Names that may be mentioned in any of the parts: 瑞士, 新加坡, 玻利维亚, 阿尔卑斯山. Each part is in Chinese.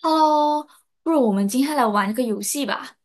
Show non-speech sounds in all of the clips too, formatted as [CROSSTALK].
Hello，不如我们今天来玩一个游戏吧。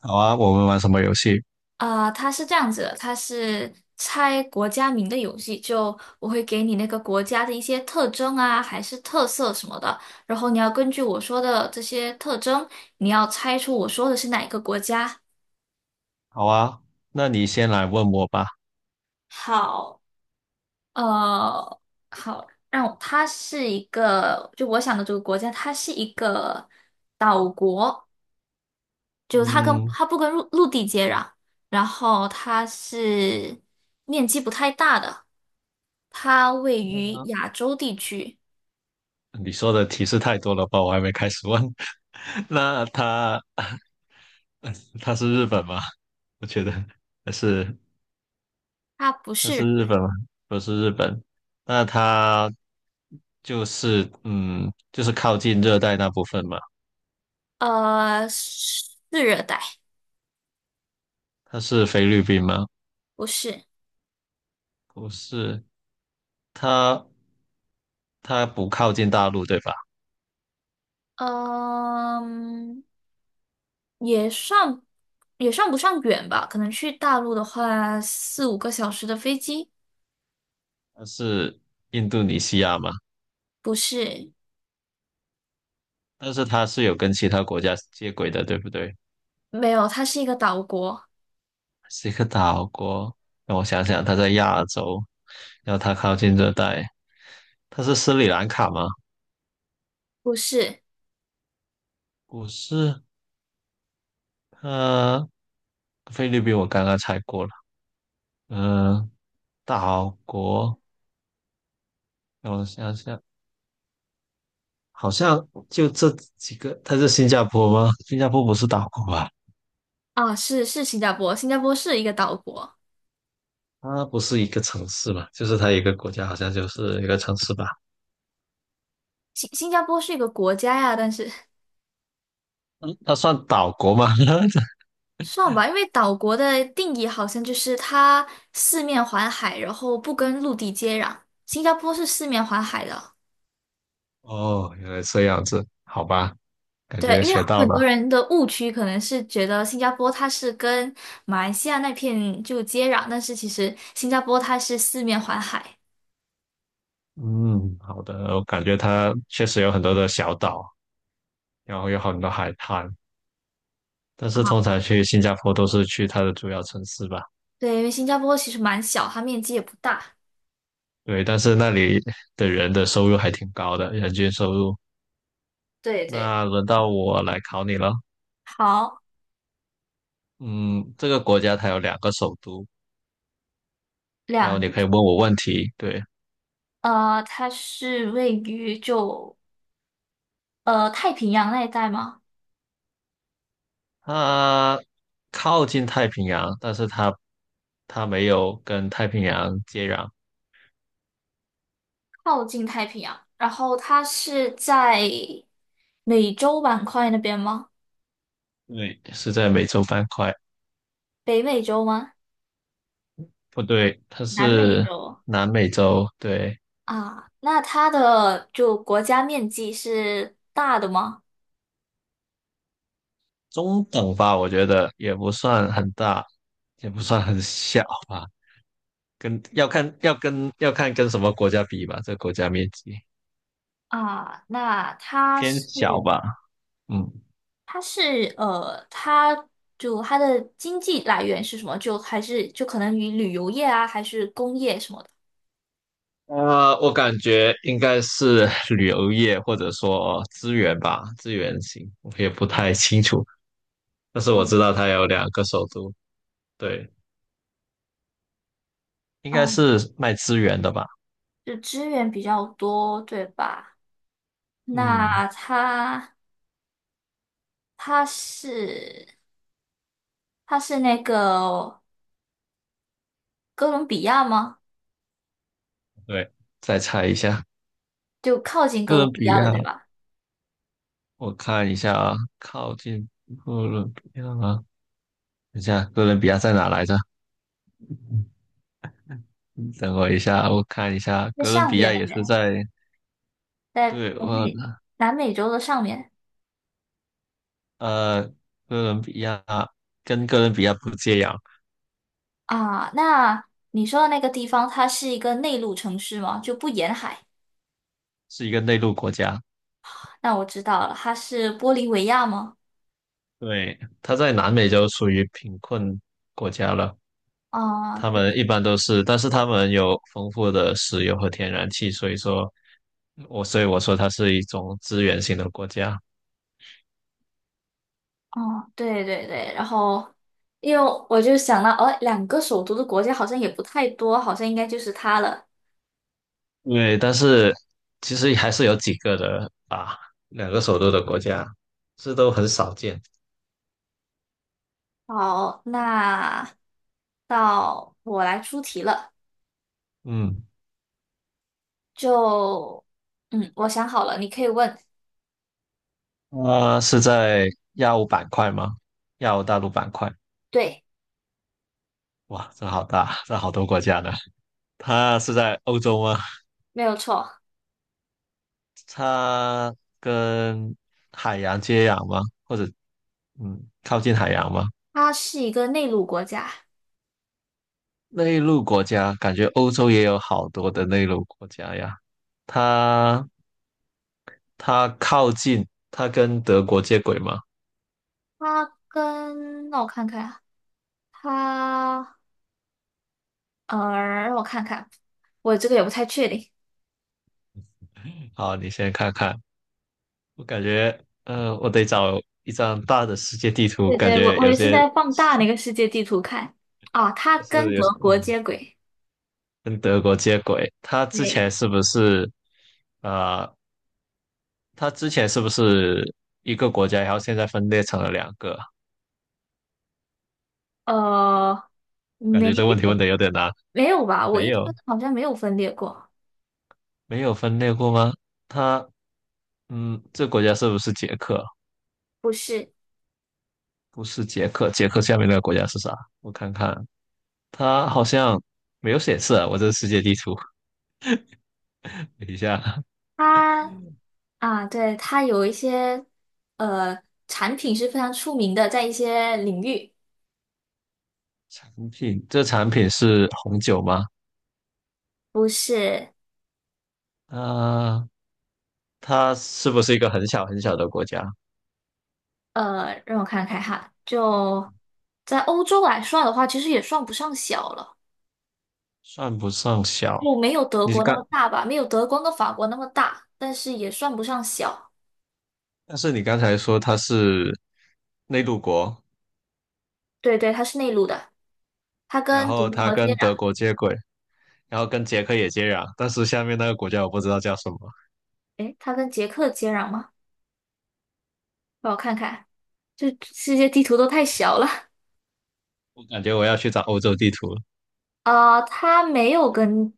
好啊，我们玩什么游戏？它是这样子的，它是猜国家名的游戏。就我会给你那个国家的一些特征啊，还是特色什么的，然后你要根据我说的这些特征，你要猜出我说的是哪一个国家。好啊，那你先来问我吧。好，呃，好，让我它是一个，就我想的这个国家，它是一个岛国。就它跟嗯，它不跟陆地接壤，然后它是面积不太大的，它位于亚洲地区，你说的提示太多了吧？我还没开始问。[LAUGHS] 那他 [LAUGHS] 他是日本吗？我觉得还是它不他是是日本吗？不是日本。那他就是靠近热带那部分嘛。是热带，他是菲律宾吗？不是，不是，他他不靠近大陆对吧？嗯、也算不上远吧，可能去大陆的话四五个小时的飞机，他是印度尼西亚吗？不是，但是它是有跟其他国家接轨的，对不对？没有，它是一个岛国，是一个岛国。让我想想，它在亚洲，然后它靠近热带，它是斯里兰卡吗？不是不是，呃，菲律宾我刚刚猜过了，嗯、岛国，让我想想，好像就这几个，它是新加坡吗？新加坡不是岛国吧？啊，是新加坡，新加坡是一个岛国，它不是一个城市吧，就是它一个国家，好像就是一个城市吧？新加坡是一个国家呀，但是。嗯，它算岛国吗？[LAUGHS] 算吧，因为岛国的定义好像就是它四面环海，然后不跟陆地接壤。新加坡是四面环海的，哦，原来这样子，好吧，感对，觉因为学到很了。多人的误区可能是觉得新加坡它是跟马来西亚那片就接壤，但是其实新加坡它是四面环海。嗯，好的，我感觉它确实有很多的小岛，然后有很多海滩，但是通常去新加坡都是去它的主要城市吧。对，因为新加坡其实蛮小，它面积也不大。对，但是那里的人的收入还挺高的，人均收入。对对，那轮到我来考你了。好，嗯，这个国家它有两个首都，然后两你个可以问我问题。对，它是位于就太平洋那一带吗？它靠近太平洋，但是它没有跟太平洋接壤。靠近太平洋，然后它是在美洲板块那边吗？对，是在美洲板块，北美洲吗？不对，它南美是洲南美洲，对，啊？那它的就国家面积是大的吗？中等吧，我觉得也不算很大，也不算很小吧，跟要看要跟要看跟什么国家比吧，这个国家面积啊，那它偏小是吧，嗯，它就它的经济来源是什么？就还是就可能与旅游业啊，还是工业什么的？我感觉应该是旅游业或者说资源吧，资源型，我也不太清楚，但是我知道它有两个首都，对，应该嗯，是卖资源的吧，就资源比较多，对吧？嗯。那它是它是那个哥伦比亚吗？对，再猜一下，就靠近哥哥伦伦比比亚了，亚，对吧？我看一下啊，靠近哥伦比亚吗？等一下，哥伦比亚在哪来着？等我一下，我看一下，在哥伦上比边亚那也是边，在，在对，北我，美南美洲的上面呃，哥伦比亚跟哥伦比亚不接壤，啊。那你说的那个地方，它是一个内陆城市吗？就不沿海？是一个内陆国家，那我知道了，它是玻利维亚吗？对，它在南美洲属于贫困国家了，啊，他们一般都是，但是他们有丰富的石油和天然气，所以说，我所以我说它是一种资源型的国家。哦，对对对。然后，因为我就想到，哦，两个首都的国家好像也不太多，好像应该就是它了。对，但是其实还是有几个的啊，两个首都的国家，这都很少见。好，那到我来出题了。嗯，就，嗯，我想好了，你可以问。啊，是在亚欧板块吗？亚欧大陆板块，对，哇，这好大，这好多国家呢。它是在欧洲吗？没有错，它跟海洋接壤吗？或者嗯，靠近海洋吗？它是一个内陆国家。内陆国家，感觉欧洲也有好多的内陆国家呀。它它靠近，它跟德国接轨吗？它跟，那我看看啊，它，呃，让我看看，我这个也不太确定。好，你先看看。我感觉，我得找一张大的世界地图，对感对，觉我有也是些在放大那个世界地图看。啊，它是跟有，德国嗯，接轨。跟德国接轨。对，呃，他之前是不是一个国家，然后现在分裂成了两个？呃，感没觉这问题问有，的有点难。没有吧？我没印象有，中好像没有分裂过。没有分裂过吗？他，嗯，这国家是不是捷克？不是，不是捷克，捷克下面那个国家是啥？我看看，它好像没有显示啊，我这世界地图，[LAUGHS] 等一下。它。啊，对，它有一些呃产品是非常出名的，在一些领域，产品，这产品是红酒吗？不是啊、它是不是一个很小很小的国家？让我看看哈，就在欧洲来算的话，其实也算不上小了，算不上小。就没有德你国那刚，么大吧，没有德国跟法国那么大，但是也算不上小。但是你刚才说它是内陆国，对对，它是内陆的，它然跟德后它国接跟壤，德国接轨，然后跟捷克也接壤，但是下面那个国家我不知道叫什么，诶，它跟捷克接壤吗？让我看看，这世界地图都太小了我感觉我要去找欧洲地图了。啊 [LAUGHS]，它没有跟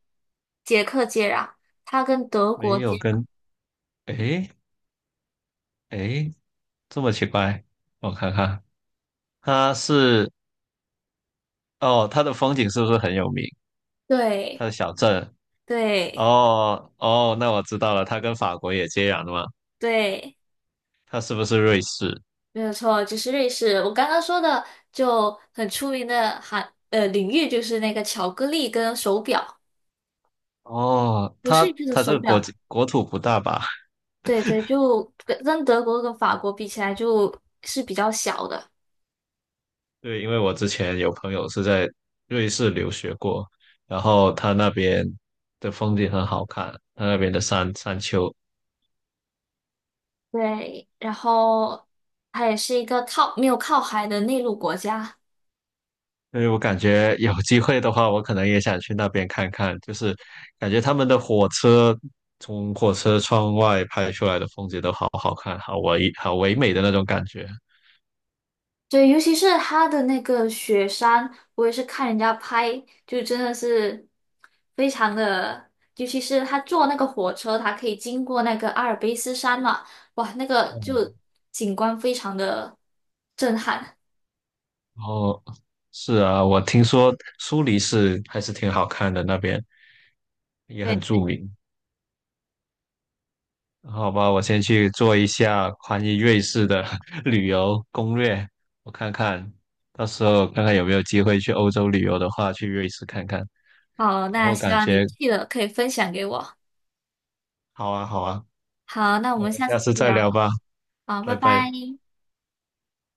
捷克接壤。它跟德没国接有跟，诶诶这么奇怪，我看看，它是，哦，它的风景是不是很有名？它对的小镇，对哦哦，那我知道了，它跟法国也接壤的嘛，对，它是不是瑞士？没有错，就是瑞士。我刚刚说的就很出名的领域，就是那个巧克力跟手表，哦，就它瑞士的它这手个国表。际国土不大吧？[LAUGHS] 对对，就跟德国跟法国比起来，就是比较小的。对，因为我之前有朋友是在瑞士留学过，然后他那边的风景很好看，他那边的山丘对，然后它也是一个没有靠海的内陆国家。所以我感觉有机会的话，我可能也想去那边看看，就是感觉他们的火车从火车窗外拍出来的风景都好好看，好唯美的那种感觉。对，尤其是它的那个雪山，我也是看人家拍，就真的是非常的，尤其是他坐那个火车，它可以经过那个阿尔卑斯山嘛，哇，那个就景观非常的震撼。哦，是啊，我听说苏黎世还是挺好看的，那边也很对，著名。好吧，我先去做一下关于瑞士的 [LAUGHS] 旅游攻略，我看看，到时候看看有没有机会去欧洲旅游的话，去瑞士看看。好，然那后希感望你觉去了可以分享给我。好啊，好啊，好，那我那我们们下下次再次再聊。聊吧，好，拜拜拜。拜。